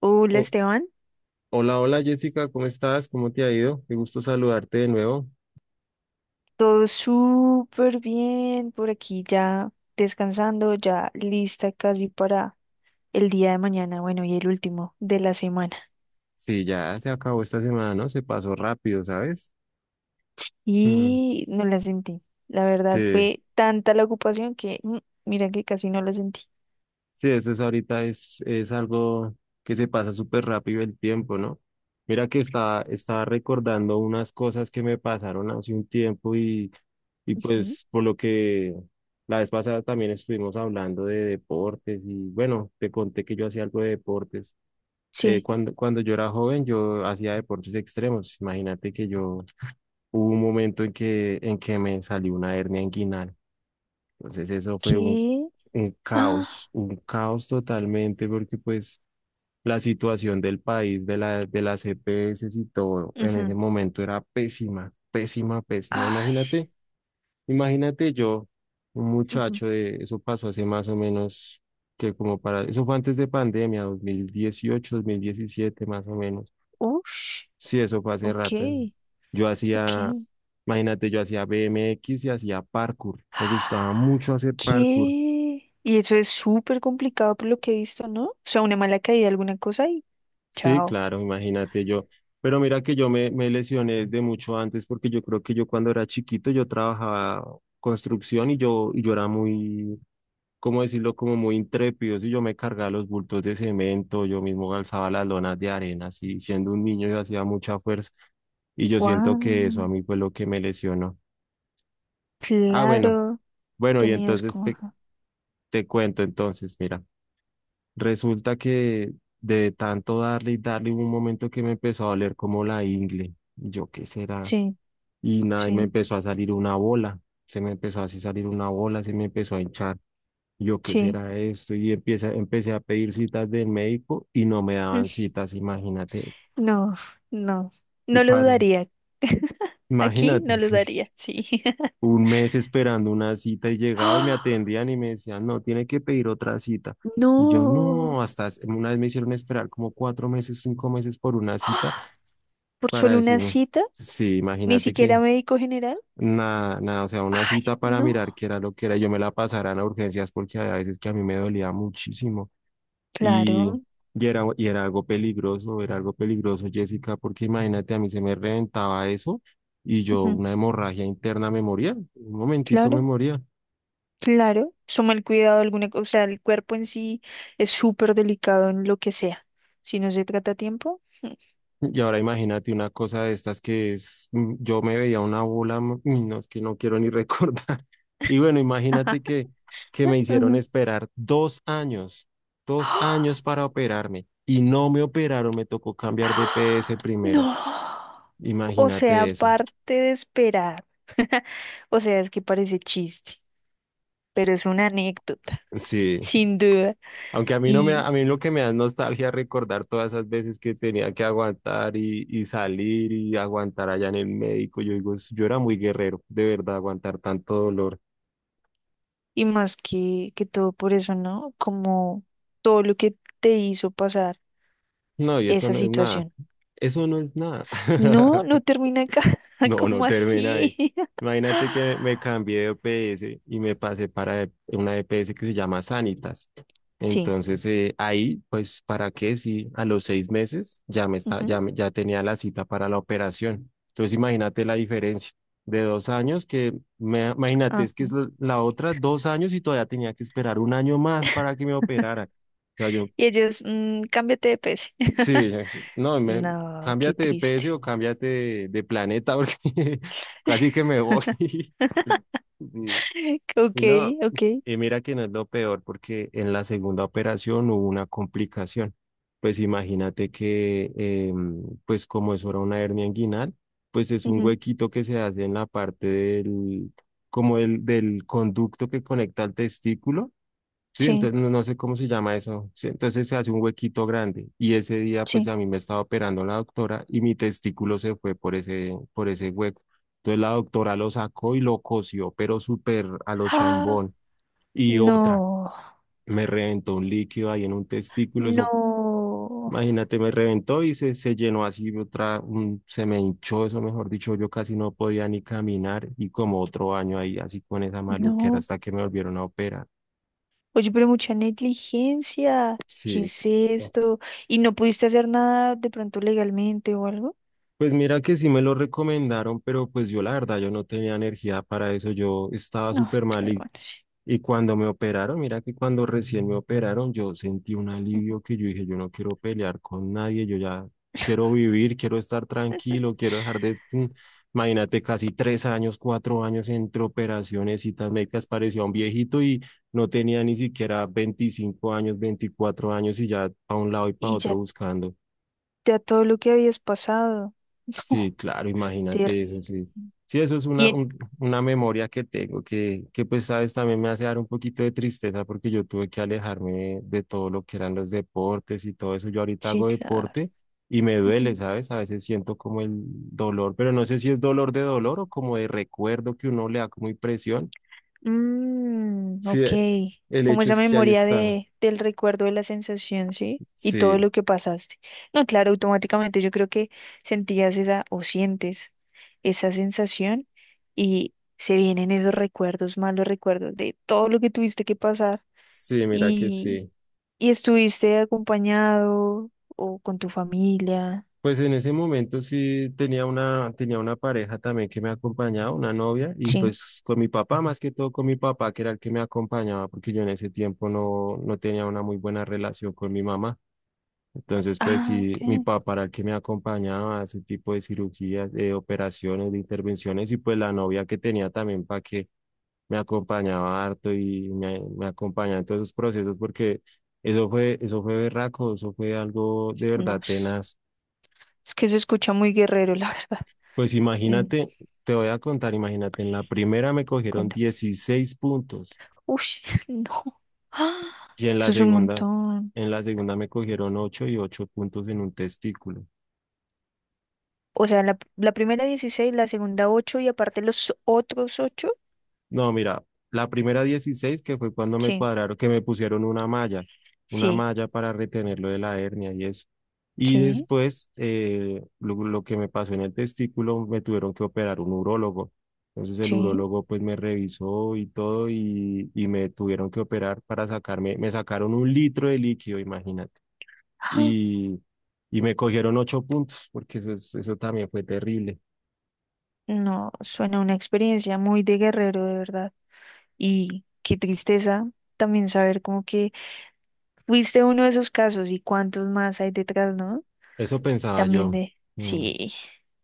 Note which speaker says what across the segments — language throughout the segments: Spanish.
Speaker 1: Hola
Speaker 2: Oh,
Speaker 1: Esteban,
Speaker 2: hola, hola Jessica, ¿cómo estás? ¿Cómo te ha ido? Qué gusto saludarte de nuevo.
Speaker 1: todo súper bien por aquí ya descansando, ya lista casi para el día de mañana, bueno, y el último de la semana.
Speaker 2: Sí, ya se acabó esta semana, ¿no? Se pasó rápido, ¿sabes? Mm,
Speaker 1: Y no la sentí, la verdad
Speaker 2: sí,
Speaker 1: fue tanta la ocupación que mira que casi no la sentí.
Speaker 2: sí, eso es ahorita, es algo que se pasa súper rápido el tiempo, ¿no? Mira que estaba recordando unas cosas que me pasaron hace un tiempo y
Speaker 1: Ujú.
Speaker 2: pues por lo que la vez pasada también estuvimos hablando de deportes y bueno, te conté que yo hacía algo de deportes. eh,
Speaker 1: Sí,
Speaker 2: cuando, cuando yo era joven, yo hacía deportes extremos. Imagínate que yo hubo un momento en que me salió una hernia inguinal. Entonces eso fue
Speaker 1: qué. Ah,
Speaker 2: un caos totalmente, porque pues la situación del país, de la, de las EPS y todo, en ese
Speaker 1: ujú.
Speaker 2: momento era pésima, pésima, pésima.
Speaker 1: Ay,
Speaker 2: Imagínate, imagínate yo, un
Speaker 1: ujú.
Speaker 2: muchacho de, eso pasó hace más o menos que como para, eso fue antes de pandemia, 2018, 2017 más o menos.
Speaker 1: Ush,
Speaker 2: Sí, eso fue hace
Speaker 1: ok,
Speaker 2: rato. Yo
Speaker 1: ok.
Speaker 2: hacía, imagínate, yo hacía BMX y hacía parkour. Me gustaba mucho hacer parkour.
Speaker 1: ¿Qué? Y eso es súper complicado por lo que he visto, ¿no? O sea, una mala caída, alguna cosa y
Speaker 2: Sí,
Speaker 1: chao.
Speaker 2: claro, imagínate yo. Pero mira que yo me lesioné desde mucho antes porque yo creo que yo cuando era chiquito yo trabajaba construcción y yo era muy, ¿cómo decirlo? Como muy intrépido. Y yo me cargaba los bultos de cemento, yo mismo alzaba las lonas de arena. Así, siendo un niño yo hacía mucha fuerza y yo siento que eso
Speaker 1: Wow,
Speaker 2: a mí fue lo que me lesionó. Ah, bueno.
Speaker 1: claro,
Speaker 2: Bueno, y
Speaker 1: tenías
Speaker 2: entonces
Speaker 1: como,
Speaker 2: te,
Speaker 1: ajá.
Speaker 2: te cuento, entonces, mira, resulta que de tanto darle y darle hubo un momento que me empezó a doler como la ingle, yo qué será,
Speaker 1: Sí,
Speaker 2: y nada, y me
Speaker 1: sí,
Speaker 2: empezó a salir una bola, se me empezó así a salir una bola, se me empezó a hinchar, yo qué
Speaker 1: sí.
Speaker 2: será esto, empecé a pedir citas del médico y no me daban citas, imagínate,
Speaker 1: Mm, no, no,
Speaker 2: un
Speaker 1: no lo
Speaker 2: paro,
Speaker 1: dudaría. Aquí no
Speaker 2: imagínate,
Speaker 1: lo
Speaker 2: sí.
Speaker 1: daría, sí.
Speaker 2: Un mes esperando una cita y llegaba y me
Speaker 1: ¡Ah!
Speaker 2: atendían y me decían, no, tiene que pedir otra cita. Y yo
Speaker 1: No.
Speaker 2: no, una vez me hicieron esperar como 4 meses, 5 meses por una cita
Speaker 1: ¡Ah! Por
Speaker 2: para
Speaker 1: solo una
Speaker 2: decirme,
Speaker 1: cita,
Speaker 2: sí,
Speaker 1: ni
Speaker 2: imagínate que
Speaker 1: siquiera médico general.
Speaker 2: nada, nada, o sea, una
Speaker 1: Ay,
Speaker 2: cita para mirar
Speaker 1: no.
Speaker 2: qué era lo que era. Yo me la pasaran a urgencias porque a veces que a mí me dolía muchísimo y,
Speaker 1: Claro,
Speaker 2: y era algo peligroso, era algo peligroso, Jessica, porque imagínate, a mí se me reventaba eso y yo
Speaker 1: ujú,
Speaker 2: una hemorragia interna me moría, un momentico me
Speaker 1: claro.
Speaker 2: moría.
Speaker 1: Claro, suma el cuidado, alguna, o sea, el cuerpo en sí es súper delicado en lo que sea. Si no se trata a tiempo.
Speaker 2: Y ahora imagínate una cosa de estas que es, yo me veía una bola, uy, no, es que no quiero ni recordar. Y bueno, imagínate que me hicieron
Speaker 1: Ujú.
Speaker 2: esperar 2 años, dos
Speaker 1: ¡Ah!
Speaker 2: años para operarme y no me operaron, me tocó cambiar de PS
Speaker 1: ¡Ah!
Speaker 2: primero.
Speaker 1: No. O sea,
Speaker 2: Imagínate eso.
Speaker 1: aparte de esperar. O sea, es que parece chiste, pero es una anécdota,
Speaker 2: Sí,
Speaker 1: sin duda.
Speaker 2: aunque a mí no
Speaker 1: Y,
Speaker 2: a mí lo que me da es nostalgia recordar todas esas veces que tenía que aguantar y salir y aguantar allá en el médico. Yo digo, yo era muy guerrero, de verdad, aguantar tanto dolor.
Speaker 1: y más que todo por eso, ¿no? Como todo lo que te hizo pasar
Speaker 2: No, y eso
Speaker 1: esa
Speaker 2: no es nada.
Speaker 1: situación.
Speaker 2: Eso no es nada.
Speaker 1: No, no termina acá.
Speaker 2: No, no
Speaker 1: ¿Cómo
Speaker 2: termina ahí.
Speaker 1: así?
Speaker 2: Imagínate que me cambié de EPS y me pasé para una EPS que se llama Sanitas.
Speaker 1: Sí.
Speaker 2: Entonces, ahí, pues, ¿para qué? Si a los 6 meses ya me está, ya,
Speaker 1: Ujú,
Speaker 2: ya tenía la cita para la operación. Entonces, imagínate la diferencia de 2 años que, me, imagínate, es que es
Speaker 1: ajá.
Speaker 2: la otra 2 años y todavía tenía que esperar un año más para que me operaran.
Speaker 1: Y ellos, cámbiate de PC.
Speaker 2: Sí, no, me,
Speaker 1: No, qué
Speaker 2: cámbiate de PC
Speaker 1: triste.
Speaker 2: o cámbiate de planeta porque casi que me voy. Y, y
Speaker 1: Ok,
Speaker 2: no,
Speaker 1: ok.
Speaker 2: y mira que no es lo peor porque en la segunda operación hubo una complicación. Pues imagínate que, pues como eso era una hernia inguinal, pues es un
Speaker 1: Ujú,
Speaker 2: huequito que se hace en la parte del, como el, del conducto que conecta al testículo. Sí,
Speaker 1: sí,
Speaker 2: entonces no, no sé cómo se llama eso. Sí, entonces se hace un huequito grande y ese día pues
Speaker 1: sí.
Speaker 2: a mí me estaba operando la doctora y mi testículo se fue por ese hueco. Entonces la doctora lo sacó y lo cosió, pero súper a lo
Speaker 1: Ah,
Speaker 2: chambón. Y otra,
Speaker 1: no,
Speaker 2: me reventó un líquido ahí en un testículo, eso,
Speaker 1: no,
Speaker 2: imagínate, me reventó y se llenó así, otra, se me hinchó eso, mejor dicho, yo casi no podía ni caminar y como otro año ahí así con esa maluquera
Speaker 1: no.
Speaker 2: hasta que me volvieron a operar.
Speaker 1: Oye, pero mucha negligencia. ¿Qué
Speaker 2: Sí.
Speaker 1: es esto? ¿Y no pudiste hacer nada de pronto legalmente o algo?
Speaker 2: Pues mira que sí me lo recomendaron, pero pues yo la verdad, yo no tenía energía para eso, yo estaba
Speaker 1: No,
Speaker 2: súper mal
Speaker 1: claro,
Speaker 2: y,
Speaker 1: bueno, sí.
Speaker 2: y cuando me operaron, mira que cuando recién me operaron, yo sentí un
Speaker 1: Ujú.
Speaker 2: alivio que yo dije, yo no quiero pelear con nadie, yo ya quiero vivir, quiero estar tranquilo, quiero dejar de, imagínate, casi 3 años, 4 años entre operaciones, citas médicas, parecía un viejito y no tenía ni siquiera 25 años, 24 años y ya para un lado y para
Speaker 1: Y
Speaker 2: otro
Speaker 1: ya,
Speaker 2: buscando.
Speaker 1: ya todo lo que habías pasado.
Speaker 2: Sí, claro, imagínate eso,
Speaker 1: Terrible.
Speaker 2: sí. Sí, eso es
Speaker 1: Y
Speaker 2: una,
Speaker 1: en-
Speaker 2: una memoria que tengo pues, sabes, también me hace dar un poquito de tristeza porque yo tuve que alejarme de todo lo que eran los deportes y todo eso. Yo ahorita
Speaker 1: Sí,
Speaker 2: hago
Speaker 1: claro.
Speaker 2: deporte y me duele, ¿sabes? A veces siento como el dolor, pero no sé si es dolor de dolor o como de recuerdo que uno le da como impresión.
Speaker 1: Mm,
Speaker 2: Sí,
Speaker 1: ok.
Speaker 2: el
Speaker 1: Como
Speaker 2: hecho
Speaker 1: esa
Speaker 2: es que ahí
Speaker 1: memoria
Speaker 2: está.
Speaker 1: del recuerdo de la sensación, ¿sí? Y todo
Speaker 2: Sí,
Speaker 1: lo que pasaste. No, claro, automáticamente yo creo que sentías esa o sientes esa sensación y se vienen esos recuerdos, malos recuerdos de todo lo que tuviste que pasar
Speaker 2: sí, mira que
Speaker 1: y,
Speaker 2: sí.
Speaker 1: estuviste acompañado o con tu familia.
Speaker 2: Pues en ese momento sí tenía una pareja también que me acompañaba, una novia, y
Speaker 1: Sí.
Speaker 2: pues con mi papá, más que todo con mi papá, que era el que me acompañaba, porque yo en ese tiempo no, no tenía una muy buena relación con mi mamá. Entonces, pues
Speaker 1: Ah,
Speaker 2: sí, mi
Speaker 1: ok.
Speaker 2: papá era el que me acompañaba a ese tipo de cirugías, de operaciones, de intervenciones, y pues la novia que tenía también para que me acompañaba harto y me acompañaba en todos esos procesos, porque eso fue berraco, eso fue algo de verdad
Speaker 1: No,
Speaker 2: tenaz.
Speaker 1: es que se escucha muy guerrero, la verdad.
Speaker 2: Pues
Speaker 1: Mm,
Speaker 2: imagínate, te voy a contar, imagínate, en la primera me cogieron
Speaker 1: cuéntame.
Speaker 2: 16 puntos
Speaker 1: Uy. ¡Ah!
Speaker 2: y en la
Speaker 1: Eso es un
Speaker 2: segunda,
Speaker 1: montón.
Speaker 2: me cogieron 8 y 8 puntos en un testículo.
Speaker 1: O sea, la primera 16, la segunda 8 y aparte los otros 8,
Speaker 2: No, mira, la primera 16 que fue cuando me
Speaker 1: sí,
Speaker 2: cuadraron, que me pusieron una
Speaker 1: sí,
Speaker 2: malla para retenerlo de la hernia y eso. Y
Speaker 1: sí,
Speaker 2: después, lo que me pasó en el testículo, me tuvieron que operar un urólogo. Entonces el
Speaker 1: sí.
Speaker 2: urólogo pues me revisó y todo y me tuvieron que operar para sacarme, me sacaron un litro de líquido, imagínate.
Speaker 1: ¡Ah!
Speaker 2: Y, y me cogieron 8 puntos, porque eso, eso también fue terrible.
Speaker 1: No, suena una experiencia muy de guerrero, de verdad. Y qué tristeza también saber como que fuiste uno de esos casos y cuántos más hay detrás, ¿no?
Speaker 2: Eso pensaba
Speaker 1: También
Speaker 2: yo.
Speaker 1: de.
Speaker 2: Mm.
Speaker 1: Sí,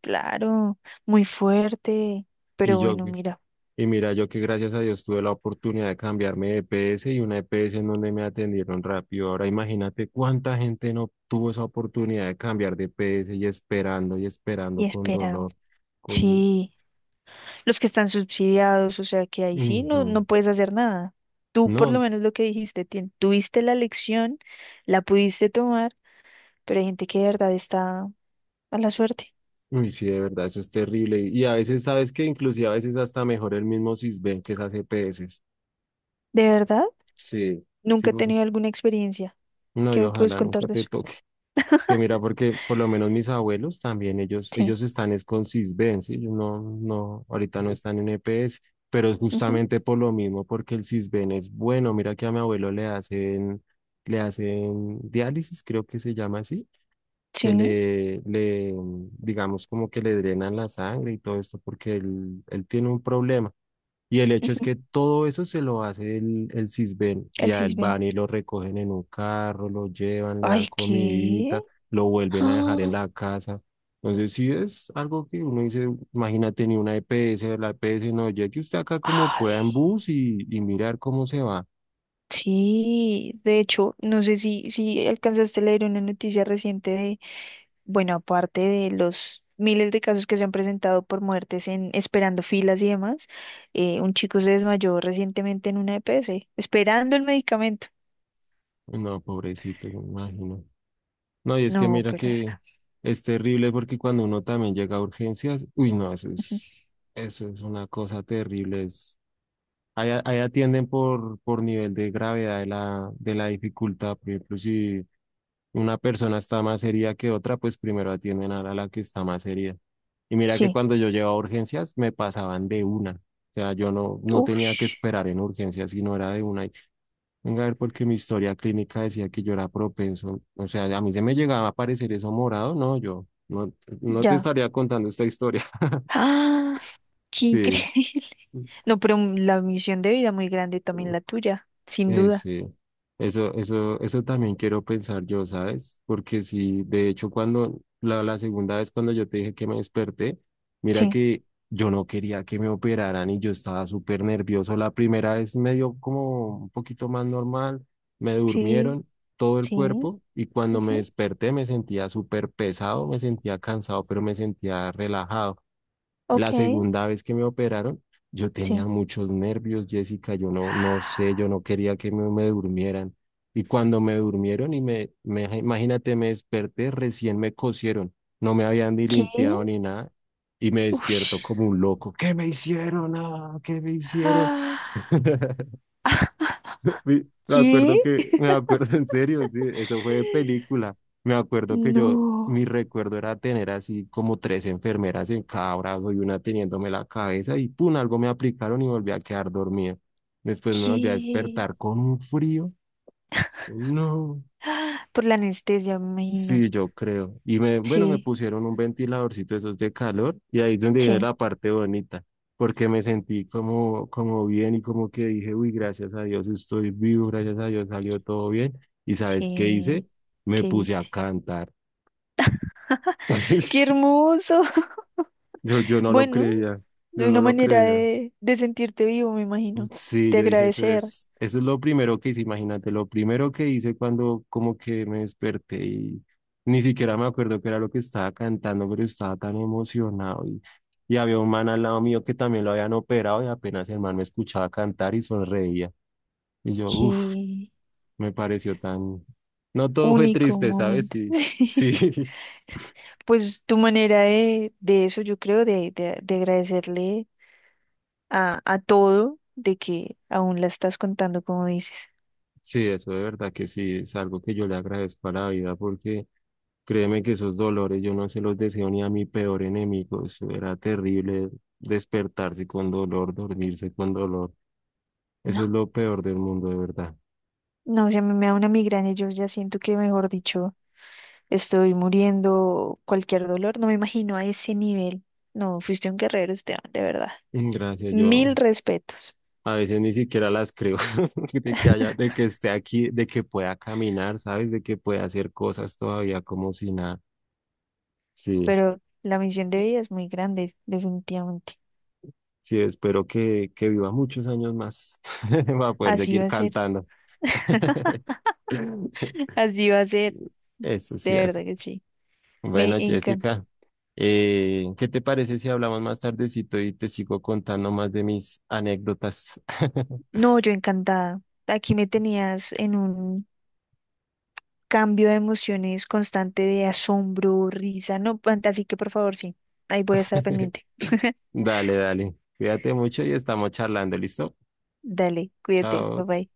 Speaker 1: claro, muy fuerte.
Speaker 2: Y
Speaker 1: Pero
Speaker 2: yo,
Speaker 1: bueno, mira,
Speaker 2: Y mira, yo que gracias a Dios tuve la oportunidad de cambiarme de E P S y una E P S en donde me atendieron rápido. Ahora imagínate cuánta gente no tuvo esa oportunidad de cambiar de E P S y
Speaker 1: y
Speaker 2: esperando con
Speaker 1: esperando.
Speaker 2: dolor, con...
Speaker 1: Sí. Los que están subsidiados, o sea que ahí sí no, no
Speaker 2: Ujú.
Speaker 1: puedes hacer nada. Tú por lo
Speaker 2: No,
Speaker 1: menos lo que dijiste, tuviste la lección, la pudiste tomar, pero hay gente que de verdad está a la suerte.
Speaker 2: uy, sí, de verdad, eso es terrible. Y a veces, ¿sabes que inclusive a veces hasta mejor el mismo Sisbén que esas E P EPS.
Speaker 1: ¿De verdad?
Speaker 2: Sí, sí,
Speaker 1: Nunca he tenido alguna experiencia.
Speaker 2: no, y
Speaker 1: ¿Qué me puedes
Speaker 2: ojalá nunca
Speaker 1: contar de
Speaker 2: te
Speaker 1: eso?
Speaker 2: toque. Que mira, porque por lo menos mis abuelos también, ellos,
Speaker 1: Sí.
Speaker 2: ellos están es con Sisbén, ¿sí? Ellos no, no, ahorita no están en EPS, pero es
Speaker 1: Ujú,
Speaker 2: justamente por lo mismo, porque el Sisbén es bueno. Mira que a mi abuelo le hacen diálisis, creo que se llama así,
Speaker 1: sí.
Speaker 2: que le, le, digamos como que le drenan la sangre y todo esto, porque él tiene un problema. Y el hecho es
Speaker 1: Ujú,
Speaker 2: que todo eso se lo hace el Sisbén y
Speaker 1: el
Speaker 2: a él
Speaker 1: cisbe.
Speaker 2: van y lo recogen en un carro, lo llevan, le dan
Speaker 1: Ay, ¿qué?
Speaker 2: comidita, lo vuelven a
Speaker 1: Ah.
Speaker 2: dejar en la casa. Entonces sí es algo que uno dice, imagínate ni una EPS, la EPS no, llegue usted acá como pueda
Speaker 1: Ay.
Speaker 2: en bus y mirar cómo se va.
Speaker 1: Sí, de hecho, no sé si alcanzaste a leer una noticia reciente. Bueno, aparte de los miles de casos que se han presentado por muertes en esperando filas y demás, un chico se desmayó recientemente en una EPS, esperando el medicamento.
Speaker 2: No, pobrecito, me imagino. No, y es que
Speaker 1: No,
Speaker 2: mira
Speaker 1: pero de
Speaker 2: que
Speaker 1: verdad.
Speaker 2: es terrible porque cuando uno también llega a urgencias, uy, no, eso es una cosa terrible, es. Ahí atienden por nivel de gravedad de la, dificultad. Por ejemplo, si una persona está más herida que otra, pues primero atienden a la que está más herida. Y mira que
Speaker 1: Sí.
Speaker 2: cuando yo llevaba urgencias, me pasaban de una. O sea, yo no, no tenía que
Speaker 1: Ush,
Speaker 2: esperar en urgencias, sino era de una. Venga, a ver, porque mi historia clínica decía que yo era propenso. O sea, a mí se me llegaba a aparecer eso morado. No, yo no, no te
Speaker 1: ya.
Speaker 2: estaría contando esta historia.
Speaker 1: ¡Ah! ¡Qué
Speaker 2: Sí.
Speaker 1: increíble! No, pero la misión de vida muy grande también la tuya, sin duda.
Speaker 2: Sí, eso, eso también quiero pensar yo, ¿sabes? Porque si, de hecho, cuando la segunda vez cuando yo te dije que me desperté, mira
Speaker 1: Sí,
Speaker 2: que yo no quería que me operaran y yo estaba súper nervioso. La primera vez me dio como un poquito más normal, me
Speaker 1: sí,
Speaker 2: durmieron todo el
Speaker 1: sí.
Speaker 2: cuerpo y cuando me
Speaker 1: Ujú,
Speaker 2: desperté me sentía súper pesado, me sentía cansado, pero me sentía relajado.
Speaker 1: ok,
Speaker 2: La segunda vez que me operaron, yo tenía
Speaker 1: sí.
Speaker 2: muchos nervios, Jessica, yo no, no sé, yo no quería que me durmieran. Y cuando me durmieron y imagínate, me desperté, recién me cosieron, no me habían ni
Speaker 1: ¿Qué?
Speaker 2: limpiado ni nada, y me despierto
Speaker 1: Ush.
Speaker 2: como un loco. ¿Qué me hicieron? Ah, ¿qué me hicieron?
Speaker 1: Ah,
Speaker 2: Me
Speaker 1: ¿qué?
Speaker 2: acuerdo que, me acuerdo en serio, sí, eso fue de película. Me acuerdo que yo,
Speaker 1: No.
Speaker 2: mi recuerdo era tener así como tres enfermeras en cada brazo y una teniéndome la cabeza y pum, algo me aplicaron y volví a quedar dormida. Después me volví a
Speaker 1: ¿Qué?
Speaker 2: despertar con un frío. No.
Speaker 1: ¡Ah! Por la anestesia, me imagino.
Speaker 2: Sí, yo creo. Y me, bueno, me
Speaker 1: Sí,
Speaker 2: pusieron un ventiladorcito de esos de calor y ahí es donde viene
Speaker 1: sí,
Speaker 2: la parte bonita, porque me sentí como bien y como que dije, uy, gracias a Dios estoy vivo, gracias a Dios salió todo bien. ¿Y sabes qué hice?
Speaker 1: sí.
Speaker 2: Me
Speaker 1: ¿Qué
Speaker 2: puse a
Speaker 1: hiciste?
Speaker 2: cantar.
Speaker 1: ¡Qué hermoso!
Speaker 2: Yo no lo
Speaker 1: Bueno,
Speaker 2: creía, yo
Speaker 1: de una
Speaker 2: no lo
Speaker 1: manera
Speaker 2: creía.
Speaker 1: de sentirte vivo, me imagino.
Speaker 2: Sí,
Speaker 1: De
Speaker 2: yo dije,
Speaker 1: agradecer.
Speaker 2: eso es lo primero que hice, imagínate, lo primero que hice cuando como que me desperté y ni siquiera me acuerdo qué era lo que estaba cantando, pero estaba tan emocionado y había un man al lado mío que también lo habían operado y apenas el man me escuchaba cantar y sonreía. Y yo, uff,
Speaker 1: ¡Qué
Speaker 2: me pareció tan... No todo fue
Speaker 1: único
Speaker 2: triste, ¿sabes?
Speaker 1: momento!
Speaker 2: Sí,
Speaker 1: Sí.
Speaker 2: sí.
Speaker 1: Pues tu manera de eso, yo creo, de agradecerle a todo, de que aún la estás contando, como dices.
Speaker 2: Sí, eso de verdad que sí, es algo que yo le agradezco a la vida porque créeme que esos dolores yo no se los deseo ni a mi peor enemigo, eso era terrible despertarse con dolor, dormirse con dolor,
Speaker 1: No,
Speaker 2: eso es lo peor del mundo de verdad.
Speaker 1: no, o sea, me da una migraña, yo ya siento que, mejor dicho. Estoy muriendo cualquier dolor, no me imagino a ese nivel. No, fuiste un guerrero, Esteban, de verdad.
Speaker 2: Mm, gracias, yo
Speaker 1: Mil respetos,
Speaker 2: a veces ni siquiera las creo de que haya, de que esté aquí, de que pueda caminar, ¿sabes? De que pueda hacer cosas todavía como si nada. Sí,
Speaker 1: pero la misión de vida es muy grande, definitivamente.
Speaker 2: sí, espero que viva muchos años más para poder
Speaker 1: Así
Speaker 2: seguir
Speaker 1: va a ser,
Speaker 2: cantando.
Speaker 1: así va a ser,
Speaker 2: Eso
Speaker 1: de
Speaker 2: sí hace.
Speaker 1: verdad que sí. Me
Speaker 2: Bueno,
Speaker 1: encanta.
Speaker 2: Jessica, ¿qué te parece si hablamos más tardecito y te sigo contando más de mis anécdotas?
Speaker 1: No, yo encantada. Aquí me tenías en un cambio de emociones constante de asombro, risa, no, así que por favor, sí, ahí voy a estar pendiente.
Speaker 2: Dale, dale. Cuídate mucho y estamos charlando, ¿listo?
Speaker 1: Dale, cuídate,
Speaker 2: Chao.
Speaker 1: bye bye.